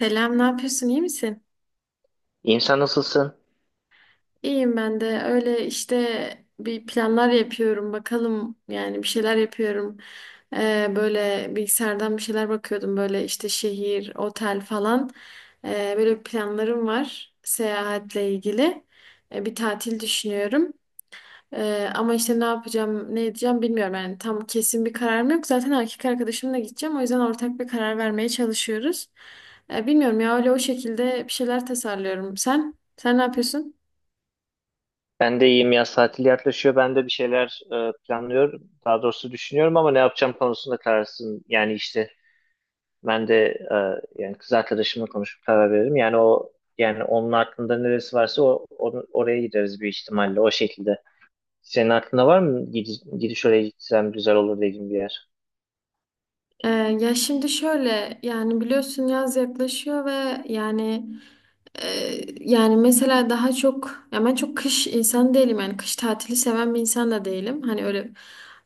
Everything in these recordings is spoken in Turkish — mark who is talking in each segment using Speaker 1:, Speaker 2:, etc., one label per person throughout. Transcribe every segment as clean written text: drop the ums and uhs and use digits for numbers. Speaker 1: Selam, ne yapıyorsun? İyi misin?
Speaker 2: İyiyim, sen nasılsın?
Speaker 1: İyiyim ben de. Öyle işte bir planlar yapıyorum. Bakalım, yani bir şeyler yapıyorum. Böyle bilgisayardan bir şeyler bakıyordum. Böyle işte şehir, otel falan. Böyle planlarım var seyahatle ilgili. Bir tatil düşünüyorum. Ama işte ne yapacağım, ne edeceğim bilmiyorum. Yani tam kesin bir kararım yok. Zaten erkek arkadaşımla gideceğim. O yüzden ortak bir karar vermeye çalışıyoruz. Bilmiyorum ya, öyle o şekilde bir şeyler tasarlıyorum. Sen? Sen ne yapıyorsun?
Speaker 2: Ben de iyiyim, yaz tatili yaklaşıyor. Ben de bir şeyler planlıyorum. Daha doğrusu düşünüyorum ama ne yapacağım konusunda kararsızım. Ben de e, yani kız arkadaşımla konuşup karar veririm. Yani o yani onun aklında neresi varsa oraya gideriz bir ihtimalle, o şekilde. Senin aklında var mı gidiş, oraya gitsem güzel olur dediğin bir yer?
Speaker 1: Ya şimdi şöyle, yani biliyorsun yaz yaklaşıyor ve yani yani mesela daha çok, ya ben çok kış insan değilim, yani kış tatili seven bir insan da değilim. Hani öyle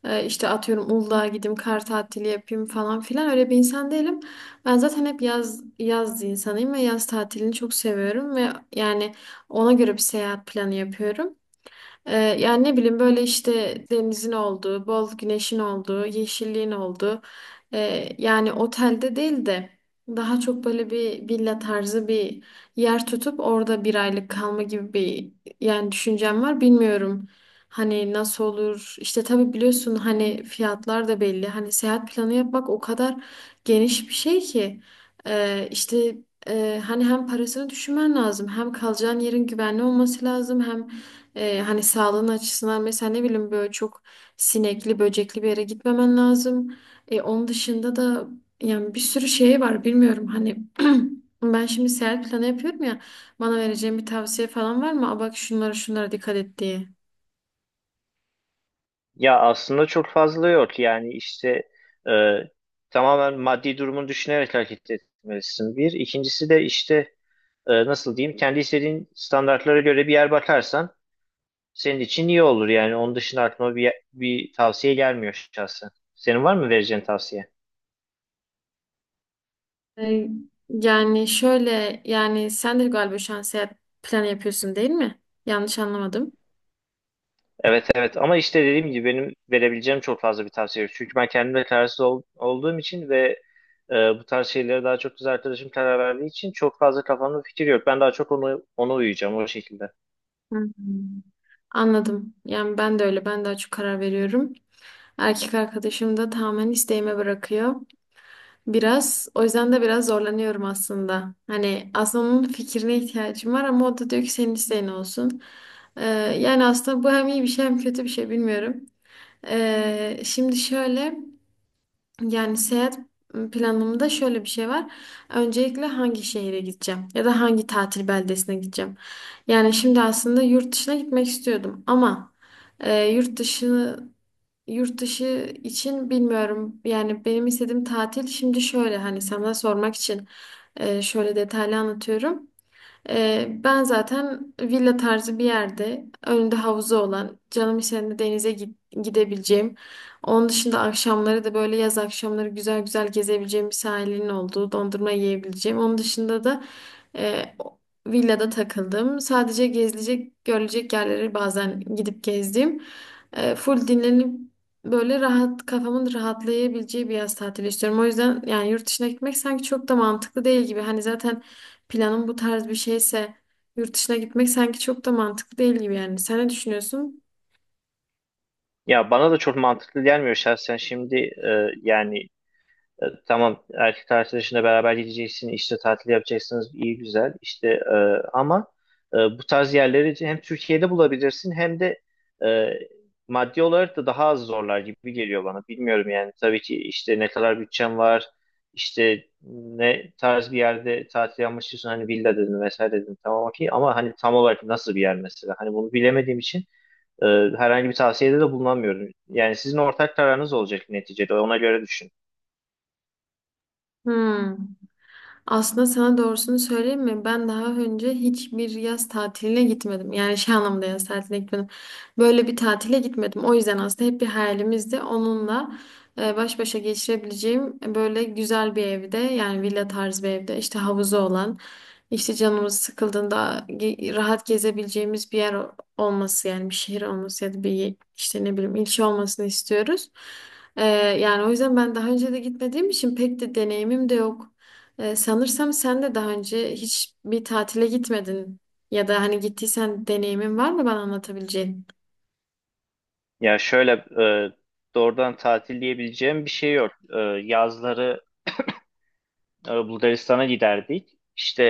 Speaker 1: işte atıyorum Uludağ'a gideyim, kar tatili yapayım falan filan, öyle bir insan değilim. Ben zaten hep yaz yaz insanıyım ve yaz tatilini çok seviyorum ve yani ona göre bir seyahat planı yapıyorum. Yani ne bileyim, böyle işte denizin olduğu, bol güneşin olduğu, yeşilliğin olduğu yani otelde değil de daha çok böyle bir villa tarzı bir yer tutup orada bir aylık kalma gibi bir yani düşüncem var. Bilmiyorum hani nasıl olur, işte tabii biliyorsun hani fiyatlar da belli, hani seyahat planı yapmak o kadar geniş bir şey ki ee, işte hani hem parasını düşünmen lazım, hem kalacağın yerin güvenli olması lazım, hem hani sağlığın açısından, mesela ne bileyim böyle çok sinekli, böcekli bir yere gitmemen lazım. Onun dışında da yani bir sürü şey var bilmiyorum hani ben şimdi seyahat planı yapıyorum ya, bana vereceğin bir tavsiye falan var mı? Aa, bak şunlara şunlara dikkat et diye.
Speaker 2: Ya, aslında çok fazla yok. E, Tamamen maddi durumu düşünerek hareket etmelisin. Bir. İkincisi de nasıl diyeyim, kendi istediğin standartlara göre bir yer bakarsan senin için iyi olur yani. Onun dışında aklıma bir tavsiye gelmiyor şahsen. Senin var mı vereceğin tavsiye?
Speaker 1: Ee, Yani şöyle, yani sen de galiba şu an seyahat planı yapıyorsun değil mi? Yanlış anlamadım.
Speaker 2: Evet, evet, ama işte dediğim gibi benim verebileceğim çok fazla bir tavsiye yok. Çünkü ben kendimle olduğum için ve bu tarz şeylere daha çok kız arkadaşım karar verdiği için çok fazla kafamda fikir yok. Ben daha çok onu, ona uyuyacağım, o şekilde.
Speaker 1: Hmm. Anladım. Yani ben de öyle. Ben daha çok karar veriyorum. Erkek arkadaşım da tamamen isteğime bırakıyor. Biraz o yüzden de biraz zorlanıyorum aslında. Hani aslında onun fikrine ihtiyacım var ama o da diyor ki senin isteğin olsun. Ee, Yani aslında bu hem iyi bir şey hem kötü bir şey, bilmiyorum. Şimdi şöyle, yani seyahat planımda şöyle bir şey var. Öncelikle hangi şehire gideceğim ya da hangi tatil beldesine gideceğim. Yani şimdi aslında yurt dışına gitmek istiyordum ama e, yurt dışı yurt dışı için bilmiyorum. Yani benim istediğim tatil şimdi şöyle, hani sana sormak için şöyle detaylı anlatıyorum. Ben zaten villa tarzı bir yerde, önünde havuzu olan, canım istediğinde denize gidebileceğim. Onun dışında akşamları da böyle yaz akşamları güzel güzel gezebileceğim bir sahilin olduğu, dondurma yiyebileceğim. Onun dışında da e, o- villada takıldım. Sadece gezilecek görülecek yerleri bazen gidip gezdim. E, full dinlenip böyle rahat, kafamın rahatlayabileceği bir yaz tatili istiyorum. O yüzden yani yurt dışına gitmek sanki çok da mantıklı değil gibi. Hani zaten planın bu tarz bir şeyse yurt dışına gitmek sanki çok da mantıklı değil gibi yani. Sen ne düşünüyorsun?
Speaker 2: Ya, bana da çok mantıklı gelmiyor şahsen. Şimdi e, yani tamam, erkek arkadaşınla beraber gideceksin, işte tatil yapacaksınız, iyi güzel, ama bu tarz yerleri hem Türkiye'de bulabilirsin hem de e, maddi olarak da daha az zorlar gibi geliyor bana. Bilmiyorum yani, tabii ki işte ne kadar bütçen var, işte ne tarz bir yerde tatil yapmak, hani villa dedin vesaire dedin, tamam okey, ama hani tam olarak nasıl bir yer mesela, hani bunu bilemediğim için e, herhangi bir tavsiyede de bulunamıyorum. Yani sizin ortak kararınız olacak neticede, ona göre düşün.
Speaker 1: Hmm. Aslında sana doğrusunu söyleyeyim mi? Ben daha önce hiçbir yaz tatiline gitmedim. Yani şey anlamda yaz tatiline gitmedim. Böyle bir tatile gitmedim. O yüzden aslında hep bir hayalimizdi. Onunla baş başa geçirebileceğim, böyle güzel bir evde, yani villa tarzı bir evde, işte havuzu olan, işte canımız sıkıldığında rahat gezebileceğimiz bir yer olması, yani bir şehir olması ya da bir işte ne bileyim ilçe olmasını istiyoruz. E, yani o yüzden ben daha önce de gitmediğim için pek de deneyimim de yok. Sanırsam sen de daha önce hiç bir tatile gitmedin ya da hani gittiysen deneyimin var mı bana anlatabileceğin?
Speaker 2: Ya şöyle e, Doğrudan tatil diyebileceğim bir şey yok. Yazları Bulgaristan'a giderdik. İşte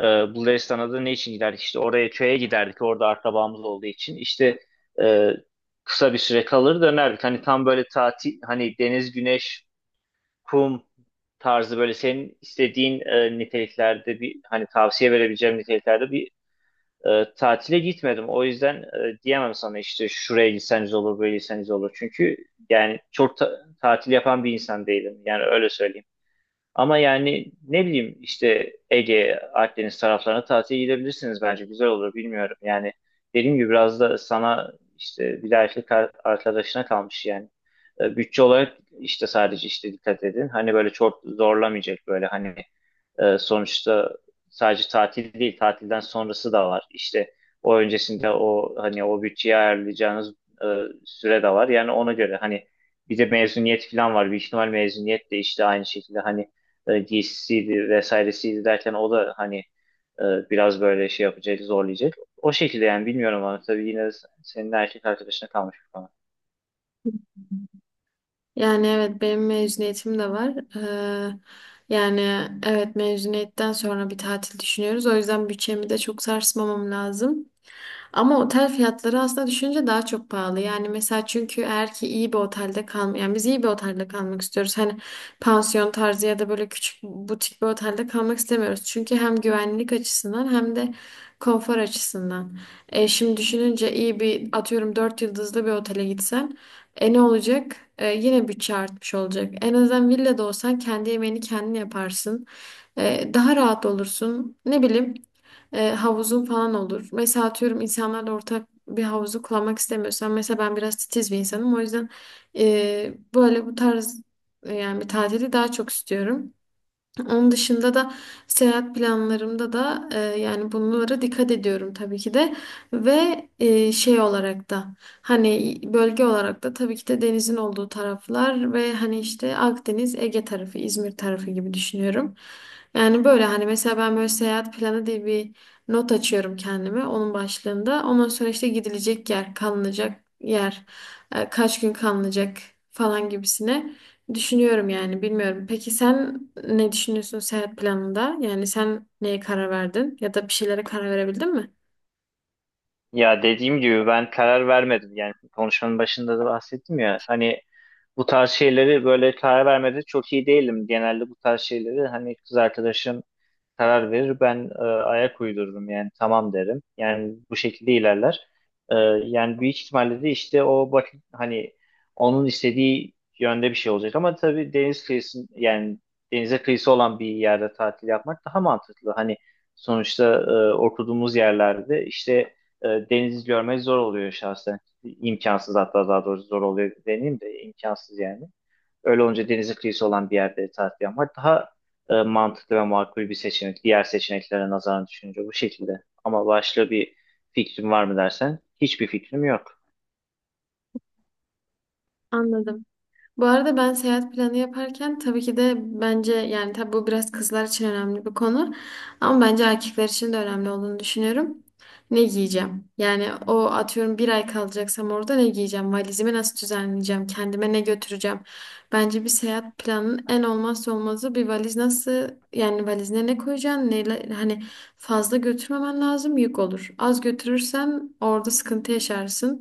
Speaker 2: Bulgaristan'a da ne için giderdik? İşte oraya, köye giderdik. Orada akrabamız olduğu için. E, Kısa bir süre kalır, dönerdik. Hani tam böyle tatil, hani deniz, güneş, kum tarzı, böyle senin istediğin niteliklerde, bir hani tavsiye verebileceğim niteliklerde bir tatile gitmedim. O yüzden diyemem sana işte şuraya gitseniz olur, böyle gitseniz olur. Çünkü yani tatil yapan bir insan değilim. Yani öyle söyleyeyim. Ama yani ne bileyim, işte Ege, Akdeniz taraflarına tatile gidebilirsiniz bence. Güzel olur, bilmiyorum. Yani dediğim gibi biraz da sana, işte bir de arkadaşına kalmış yani. Bütçe olarak işte, sadece işte dikkat edin. Hani böyle çok zorlamayacak, böyle hani, sonuçta sadece tatil değil, tatilden sonrası da var. İşte o öncesinde, o hani o bütçeyi ayarlayacağınız e, süre de var. Yani ona göre hani, bir de mezuniyet falan var. Büyük ihtimal mezuniyet de işte aynı şekilde, hani DC'di vesairesiydi derken, o da hani e, biraz böyle şey yapacak, zorlayacak. O şekilde yani, bilmiyorum, ama tabii yine de senin erkek arkadaşına kalmış bir konu.
Speaker 1: Yani evet, benim mezuniyetim de var. Yani evet, mezuniyetten sonra bir tatil düşünüyoruz. O yüzden bütçemi de çok sarsmamam lazım. Ama otel fiyatları aslında düşünce daha çok pahalı. Yani mesela çünkü eğer ki iyi bir otelde yani biz iyi bir otelde kalmak istiyoruz. Hani pansiyon tarzı ya da böyle küçük butik bir otelde kalmak istemiyoruz. Çünkü hem güvenlik açısından hem de konfor açısından. E, şimdi düşününce iyi bir, atıyorum 4 yıldızlı bir otele gitsen e ne olacak? E, yine bütçe artmış olacak. En azından villada olsan kendi yemeğini kendin yaparsın. E, daha rahat olursun. Ne bileyim havuzun falan olur. Mesela atıyorum insanlarla ortak bir havuzu kullanmak istemiyorsan, mesela ben biraz titiz bir insanım. O yüzden böyle bu tarz yani bir tatili daha çok istiyorum. Onun dışında da seyahat planlarımda da yani bunlara dikkat ediyorum tabii ki de, ve şey olarak da hani bölge olarak da tabii ki de denizin olduğu taraflar, ve hani işte Akdeniz, Ege tarafı, İzmir tarafı gibi düşünüyorum. Yani böyle hani mesela ben böyle seyahat planı diye bir not açıyorum kendime, onun başlığında. Ondan sonra işte gidilecek yer, kalınacak yer, kaç gün kalınacak falan gibisine. Düşünüyorum yani, bilmiyorum. Peki sen ne düşünüyorsun seyahat planında? Yani sen neye karar verdin, ya da bir şeylere karar verebildin mi?
Speaker 2: Ya, dediğim gibi ben karar vermedim. Yani konuşmanın başında da bahsettim ya. Hani bu tarz şeyleri, böyle karar vermede çok iyi değilim. Genelde bu tarz şeyleri hani kız arkadaşım karar verir. Ben ayak uydururum, yani tamam derim. Yani bu şekilde ilerler. E, Yani büyük ihtimalle de işte, o bak hani onun istediği yönde bir şey olacak. Ama tabii deniz kıyısı, yani denize kıyısı olan bir yerde tatil yapmak daha mantıklı. Hani sonuçta oturduğumuz yerlerde işte deniz görmek zor oluyor şahsen. İmkansız hatta, daha doğrusu zor oluyor, deneyim de imkansız yani. Öyle olunca denizi kıyısı olan bir yerde tatil yapmak daha mantıklı ve makul bir seçenek. Diğer seçeneklere nazaran düşününce, bu şekilde. Ama başka bir fikrim var mı dersen, hiçbir fikrim yok.
Speaker 1: Anladım. Bu arada ben seyahat planı yaparken tabii ki de, bence yani tabii bu biraz kızlar için önemli bir konu, ama bence erkekler için de önemli olduğunu düşünüyorum. Ne giyeceğim? Yani o atıyorum bir ay kalacaksam orada ne giyeceğim? Valizimi nasıl düzenleyeceğim? Kendime ne götüreceğim? Bence bir seyahat planının en olmazsa olmazı bir valiz, nasıl, yani valizine ne koyacaksın? Neyle, hani fazla götürmemen lazım, yük olur. Az götürürsen orada sıkıntı yaşarsın.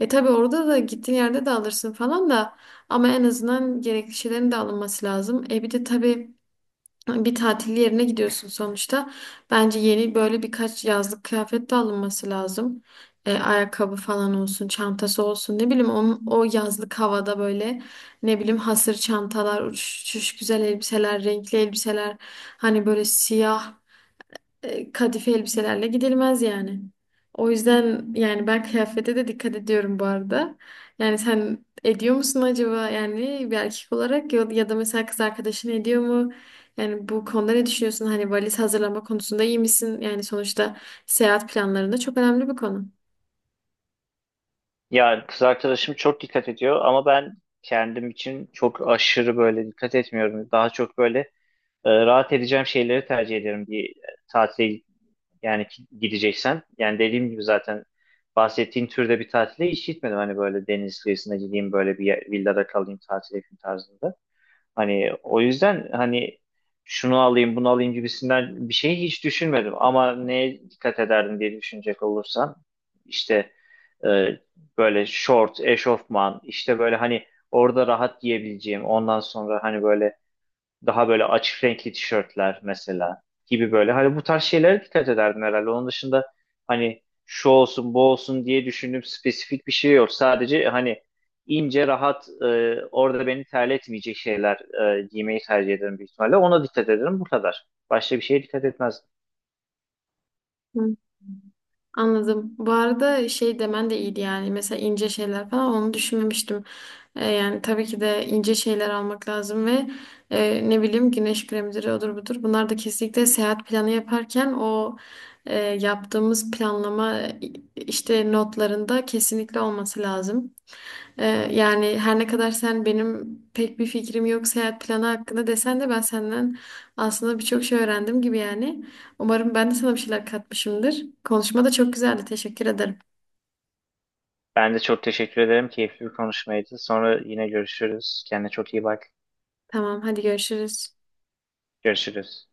Speaker 1: E tabii orada da, gittiğin yerde de alırsın falan da ama en azından gerekli şeylerin de alınması lazım. E bir de tabii bir tatil yerine gidiyorsun sonuçta. Bence yeni böyle birkaç yazlık kıyafet de alınması lazım. E, ayakkabı falan olsun, çantası olsun. Ne bileyim onun, o yazlık havada böyle, ne bileyim hasır çantalar, uçuş güzel elbiseler, renkli elbiseler. Hani böyle siyah kadife elbiselerle gidilmez yani. O yüzden yani ben kıyafete de dikkat ediyorum bu arada. Yani sen ediyor musun acaba, yani bir erkek olarak, ya, ya da mesela kız arkadaşın ediyor mu? Yani bu konuda ne düşünüyorsun? Hani valiz hazırlama konusunda iyi misin? Yani sonuçta seyahat planlarında çok önemli bir konu.
Speaker 2: Ya, kız arkadaşım çok dikkat ediyor ama ben kendim için çok aşırı böyle dikkat etmiyorum. Daha çok böyle rahat edeceğim şeyleri tercih ederim bir tatile yani, gideceksen. Yani dediğim gibi zaten bahsettiğin türde bir tatile hiç gitmedim. Hani böyle deniz kıyısına gideyim, villada kalayım, tatil yapayım tarzında. Hani o yüzden hani şunu alayım, bunu alayım gibisinden bir şeyi hiç düşünmedim. Ama neye dikkat ederdim diye düşünecek olursam, işte e, böyle şort, eşofman, işte böyle hani orada rahat giyebileceğim, ondan sonra hani böyle daha böyle açık renkli tişörtler mesela, gibi böyle. Hani bu tarz şeylere dikkat ederdim herhalde. Onun dışında hani şu olsun, bu olsun diye düşündüğüm spesifik bir şey yok. Sadece hani ince rahat, orada beni terletmeyecek şeyler giymeyi tercih ederim büyük ihtimalle. Ona dikkat ederim bu kadar. Başka bir şeye dikkat etmez.
Speaker 1: Anladım. Bu arada şey demen de iyiydi yani. Mesela ince şeyler falan, onu düşünmemiştim. Yani tabii ki de ince şeyler almak lazım ve ne bileyim güneş kremleri, odur budur. Bunlar da kesinlikle seyahat planı yaparken, o yaptığımız planlama, işte notlarında kesinlikle olması lazım. Ee, Yani her ne kadar sen benim pek bir fikrim yok seyahat planı hakkında desen de, ben senden aslında birçok şey öğrendim gibi yani. Umarım ben de sana bir şeyler katmışımdır. Konuşma da çok güzeldi. Teşekkür ederim.
Speaker 2: Ben de çok teşekkür ederim. Keyifli bir konuşmaydı. Sonra yine görüşürüz. Kendine çok iyi bak.
Speaker 1: Tamam, hadi görüşürüz.
Speaker 2: Görüşürüz.